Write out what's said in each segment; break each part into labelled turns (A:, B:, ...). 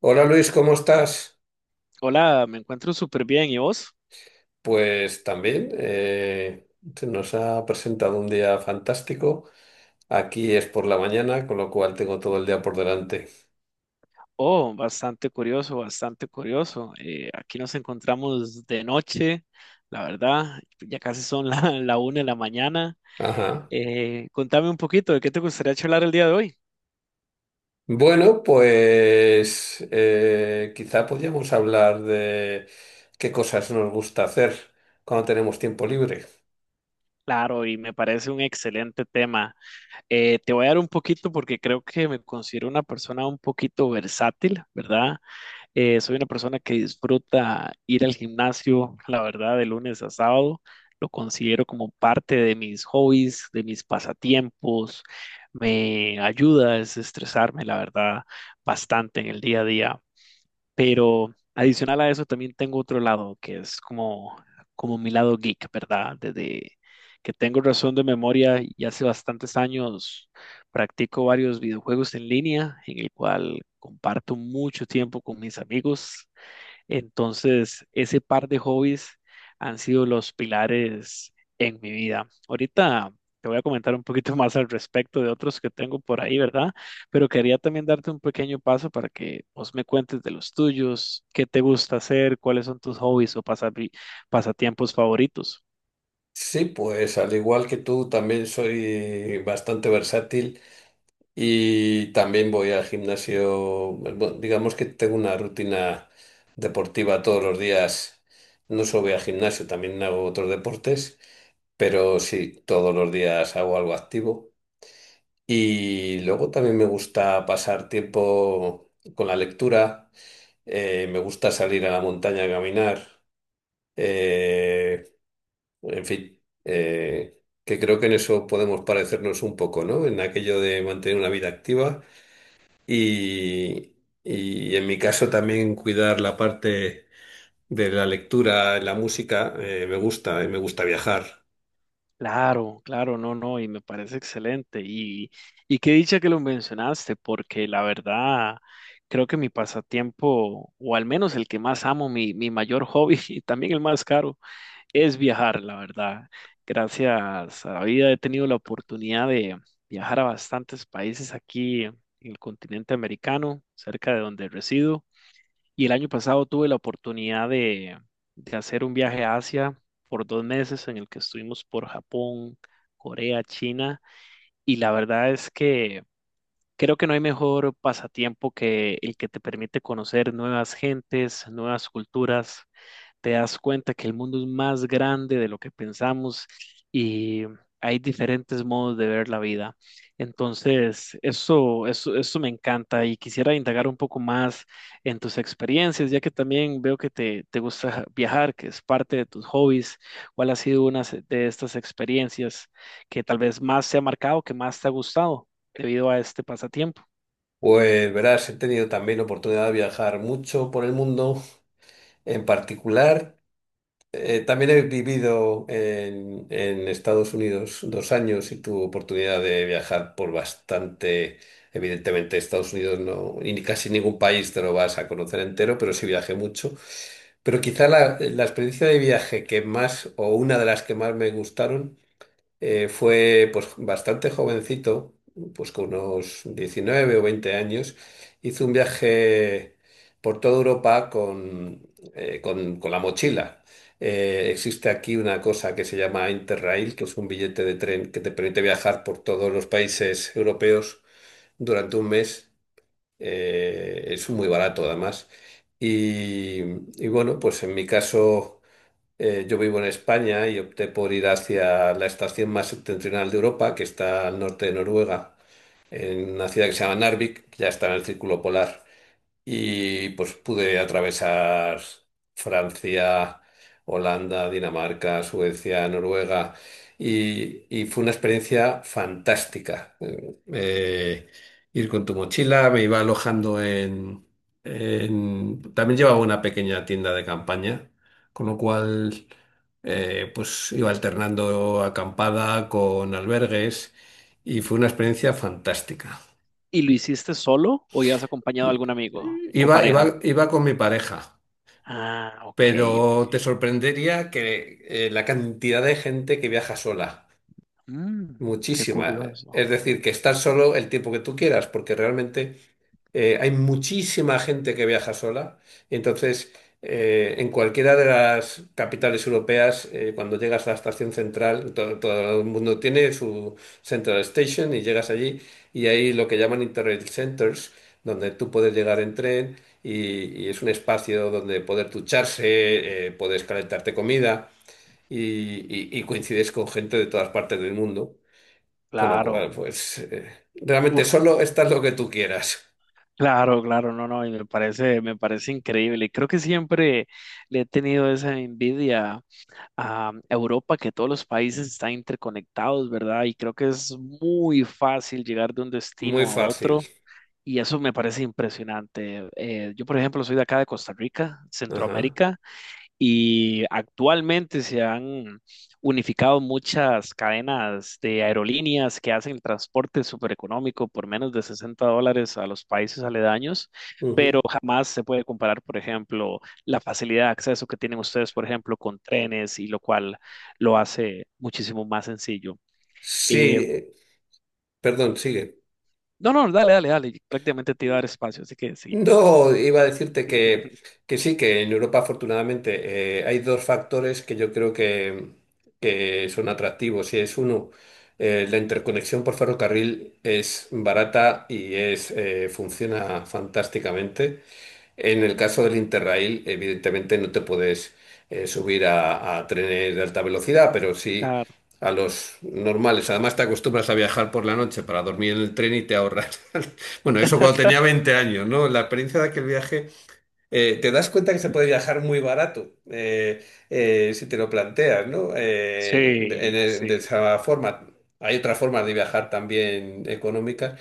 A: Hola Luis, ¿cómo estás?
B: Hola, me encuentro súper bien. ¿Y vos?
A: Pues también, se nos ha presentado un día fantástico. Aquí es por la mañana, con lo cual tengo todo el día por delante.
B: Oh, bastante curioso, bastante curioso. Aquí nos encontramos de noche, la verdad, ya casi son la una de la mañana.
A: Ajá.
B: Contame un poquito de qué te gustaría charlar el día de hoy.
A: Bueno, pues quizá podríamos hablar de qué cosas nos gusta hacer cuando tenemos tiempo libre.
B: Claro, y me parece un excelente tema. Te voy a dar un poquito porque creo que me considero una persona un poquito versátil, ¿verdad? Soy una persona que disfruta ir al gimnasio, la verdad, de lunes a sábado. Lo considero como parte de mis hobbies, de mis pasatiempos. Me ayuda a desestresarme, la verdad, bastante en el día a día. Pero adicional a eso también tengo otro lado que es como mi lado geek, ¿verdad? Desde que tengo razón de memoria y hace bastantes años practico varios videojuegos en línea en el cual comparto mucho tiempo con mis amigos. Entonces, ese par de hobbies han sido los pilares en mi vida. Ahorita te voy a comentar un poquito más al respecto de otros que tengo por ahí, ¿verdad? Pero quería también darte un pequeño paso para que vos me cuentes de los tuyos, qué te gusta hacer, cuáles son tus hobbies o pasatiempos favoritos.
A: Sí, pues al igual que tú, también soy bastante versátil. Y también voy al gimnasio, bueno, digamos que tengo una rutina deportiva todos los días. No solo voy al gimnasio, también hago otros deportes, pero sí, todos los días hago algo activo. Y luego también me gusta pasar tiempo con la lectura, me gusta salir a la montaña a caminar, eh, en fin, que creo que en eso podemos parecernos un poco, ¿no? En aquello de mantener una vida activa. Y, y en mi caso también cuidar la parte de la lectura, la música, me gusta, y me gusta viajar.
B: Claro, claro, no, no, y me parece excelente. Y qué dicha que lo mencionaste, porque la verdad creo que mi pasatiempo, o al menos el que más amo, mi mayor hobby y también el más caro, es viajar, la verdad. Gracias a la vida he tenido la oportunidad de viajar a bastantes países aquí en el continente americano, cerca de donde resido. Y el año pasado tuve la oportunidad de hacer un viaje a Asia por 2 meses en el que estuvimos por Japón, Corea, China. Y la verdad es que creo que no hay mejor pasatiempo que el que te permite conocer nuevas gentes, nuevas culturas, te das cuenta que el mundo es más grande de lo que pensamos y hay diferentes modos de ver la vida. Entonces, eso me encanta y quisiera indagar un poco más en tus experiencias, ya que también veo que te gusta viajar, que es parte de tus hobbies. ¿Cuál ha sido de estas experiencias que tal vez más te ha marcado, que más te ha gustado debido a este pasatiempo?
A: Pues verás, he tenido también oportunidad de viajar mucho por el mundo, en particular. También he vivido en Estados Unidos dos años y tuve oportunidad de viajar por bastante. Evidentemente, Estados Unidos no, y ni casi ningún país te lo vas a conocer entero, pero sí viajé mucho. Pero quizá la experiencia de viaje que más, o una de las que más me gustaron, fue pues bastante jovencito, pues con unos 19 o 20 años, hizo un viaje por toda Europa con la mochila. Existe aquí una cosa que se llama Interrail, que es un billete de tren que te permite viajar por todos los países europeos durante un mes. Es muy barato además. Y, y bueno, pues en mi caso... yo vivo en España y opté por ir hacia la estación más septentrional de Europa, que está al norte de Noruega, en una ciudad que se llama Narvik, que ya está en el círculo polar. Y pues pude atravesar Francia, Holanda, Dinamarca, Suecia, Noruega y fue una experiencia fantástica. Ir con tu mochila, me iba alojando también llevaba una pequeña tienda de campaña, con lo cual pues iba alternando acampada con albergues y fue una experiencia fantástica.
B: ¿Y lo hiciste solo o ya has acompañado a algún amigo o pareja?
A: Iba con mi pareja.
B: Ah, ok.
A: Pero te sorprendería que la cantidad de gente que viaja sola.
B: Mm, qué
A: Muchísima.
B: curioso.
A: Es decir, que estar solo el tiempo que tú quieras, porque realmente hay muchísima gente que viaja sola. Entonces, en cualquiera de las capitales europeas, cuando llegas a la estación central, todo, el mundo tiene su Central Station y llegas allí y hay lo que llaman Interrail Centers, donde tú puedes llegar en tren y es un espacio donde poder ducharse, puedes calentarte comida y y coincides con gente de todas partes del mundo. Con lo cual,
B: Claro.
A: pues realmente
B: Uf,
A: solo estás lo que tú quieras.
B: claro, claro, no, no, y me parece increíble. Creo que siempre le he tenido esa envidia a Europa, que todos los países están interconectados, ¿verdad? Y creo que es muy fácil llegar de un
A: Muy
B: destino a
A: fácil.
B: otro. Y eso me parece impresionante. Yo, por ejemplo, soy de acá de Costa Rica,
A: Ajá.
B: Centroamérica. Y actualmente se han unificado muchas cadenas de aerolíneas que hacen el transporte súper económico por menos de $60 a los países aledaños,
A: Ujú.
B: pero jamás se puede comparar, por ejemplo, la facilidad de acceso que tienen ustedes, por ejemplo, con trenes, y lo cual lo hace muchísimo más sencillo.
A: Sí,
B: Eh,
A: perdón, sigue.
B: no, no, dale, dale, dale, prácticamente te iba a dar espacio, así que sí.
A: No, iba a decirte que sí, que en Europa afortunadamente hay dos factores que yo creo que son atractivos. Y es uno, la interconexión por ferrocarril es barata y es, funciona fantásticamente. En el caso del Interrail, evidentemente no te puedes subir a trenes de alta velocidad, pero sí
B: Claro.
A: a los normales. Además, te acostumbras a viajar por la noche para dormir en el tren y te ahorras. Bueno, eso cuando tenía 20 años, ¿no? La experiencia de aquel viaje, te das cuenta que se puede viajar muy barato, si te lo planteas, ¿no?
B: Sí,
A: De
B: sí.
A: esa forma. Hay otra forma de viajar también económica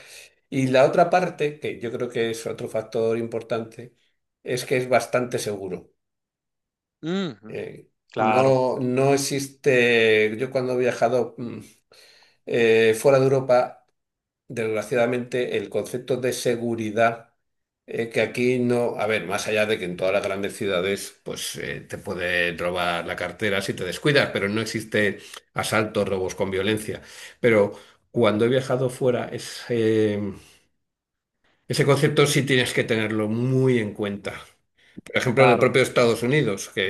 A: y la otra parte, que yo creo que es otro factor importante, es que es bastante seguro.
B: Ujú,
A: Eh,
B: claro,
A: no, no existe, yo cuando he viajado fuera de Europa, desgraciadamente el concepto de seguridad, que aquí no, a ver, más allá de que en todas las grandes ciudades, pues te puede robar la cartera si te descuidas, pero no existe asaltos, robos con violencia. Pero cuando he viajado fuera, es... ese concepto sí tienes que tenerlo muy en cuenta. Por ejemplo, en el
B: claro.
A: propio Estados Unidos, que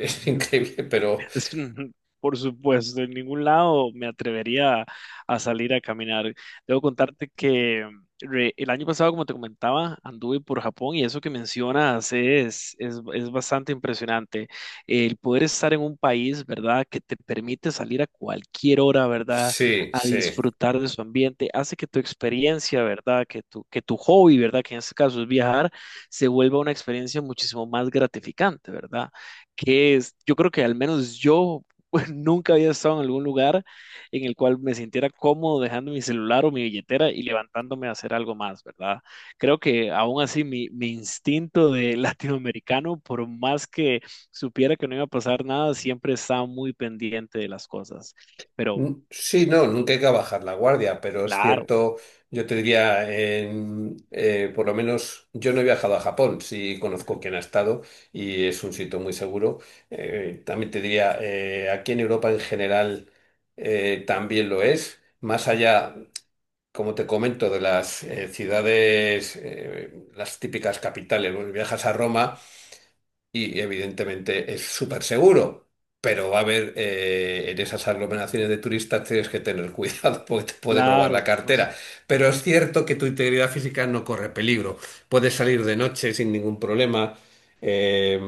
A: es increíble, pero
B: Es un- Por supuesto, en ningún lado me atrevería a salir a caminar. Debo contarte que el año pasado, como te comentaba, anduve por Japón y eso que mencionas es bastante impresionante. El poder estar en un país, ¿verdad?, que te permite salir a cualquier hora, ¿verdad?,
A: sí,
B: a
A: sí.
B: disfrutar de su ambiente, hace que tu experiencia, ¿verdad?, que tu, hobby, ¿verdad?, que en este caso es viajar, se vuelva una experiencia muchísimo más gratificante, ¿verdad?, que es, yo creo que al menos yo nunca había estado en algún lugar en el cual me sintiera cómodo dejando mi celular o mi billetera y levantándome a hacer algo más, ¿verdad? Creo que aún así mi, instinto de latinoamericano, por más que supiera que no iba a pasar nada, siempre estaba muy pendiente de las cosas. Pero
A: Sí, no, nunca hay que bajar la guardia, pero es
B: claro,
A: cierto, yo te diría, en, por lo menos yo no he viajado a Japón, sí conozco
B: ujú,
A: quién ha estado y es un sitio muy seguro. También te diría, aquí en Europa en general también lo es. Más allá, como te comento, de las ciudades, las típicas capitales. Bueno, viajas a
B: ujú,
A: Roma y evidentemente es súper seguro, pero va a haber en esas aglomeraciones de turistas tienes que tener cuidado porque te pueden robar la
B: claro.
A: cartera. Pero es cierto que tu integridad física no corre peligro. Puedes salir de noche sin ningún problema, eh,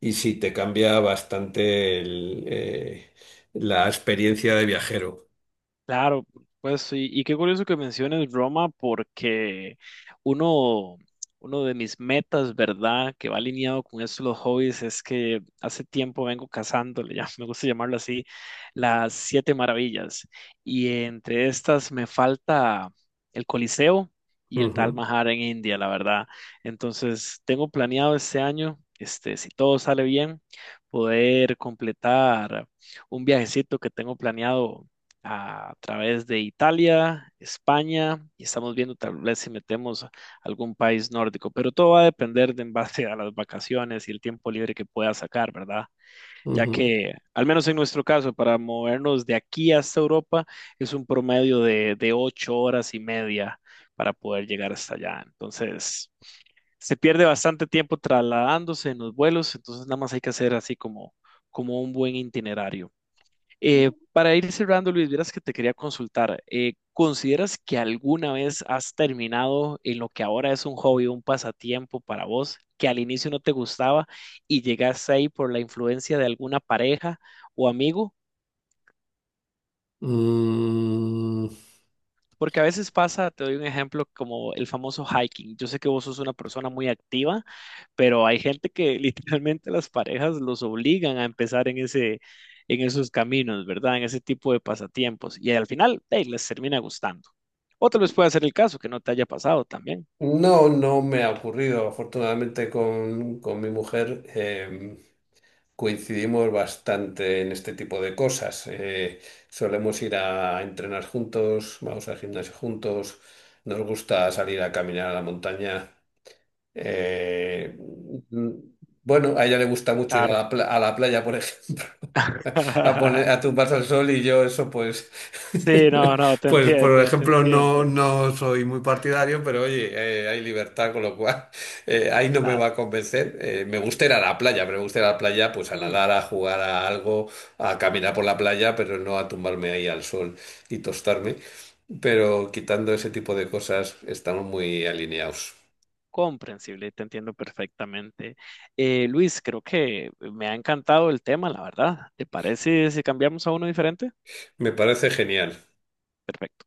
A: y sí te cambia bastante la experiencia de viajero.
B: Claro, pues y qué curioso que menciones Roma porque uno, uno de mis metas, ¿verdad?, que va alineado con esto de los hobbies es que hace tiempo vengo cazando, me gusta llamarlo así, las siete maravillas. Y entre estas me falta el Coliseo y el Taj
A: Ujú,
B: Mahal en India, la verdad. Entonces tengo planeado este año, este, si todo sale bien, poder completar un viajecito que tengo planeado a través de Italia, España, y estamos viendo tal vez si metemos algún país nórdico, pero todo va a depender de en base a las vacaciones y el tiempo libre que pueda sacar, ¿verdad? Ya
A: ujú.
B: que, al menos en nuestro caso, para movernos de aquí hasta Europa es un promedio de 8 horas y media para poder llegar hasta allá. Entonces, se pierde bastante tiempo trasladándose en los vuelos, entonces nada más hay que hacer así como, como un buen itinerario. Para ir cerrando, Luis, vieras que te quería consultar. ¿Consideras que alguna vez has terminado en lo que ahora es un hobby, un pasatiempo para vos, que al inicio no te gustaba y llegaste ahí por la influencia de alguna pareja o amigo?
A: Mm.
B: Porque a veces pasa, te doy un ejemplo, como el famoso hiking. Yo sé que vos sos una persona muy activa, pero hay gente que literalmente las parejas los obligan a empezar en ese, en esos caminos, ¿verdad? En ese tipo de pasatiempos. Y al final, hey, les termina gustando. O tal vez pueda ser el caso que no te haya pasado también.
A: No, no me ha ocurrido. Afortunadamente con mi mujer, coincidimos bastante en este tipo de cosas. Solemos ir a entrenar juntos, vamos al gimnasio juntos, nos gusta salir a caminar a la montaña. Eh, mm, bueno, a ella le gusta mucho ir a
B: Claro.
A: la, a la playa, por ejemplo, a poner a tumbarse al sol, y yo eso pues
B: Sí, no, no, te
A: pues por
B: entiendo, te
A: ejemplo
B: entiendo.
A: no, no soy muy partidario, pero oye, hay libertad, con lo cual ahí no me
B: Claro.
A: va a convencer. Me gusta ir a la playa, pero me gusta ir a la playa pues a
B: Mm,
A: nadar, a jugar a algo, a caminar por la playa, pero no a tumbarme ahí al sol y tostarme. Pero quitando ese tipo de cosas estamos muy alineados.
B: comprensible, te entiendo perfectamente. Luis, creo que me ha encantado el tema, la verdad. ¿Te parece si cambiamos a uno diferente?
A: Me parece genial.
B: Perfecto.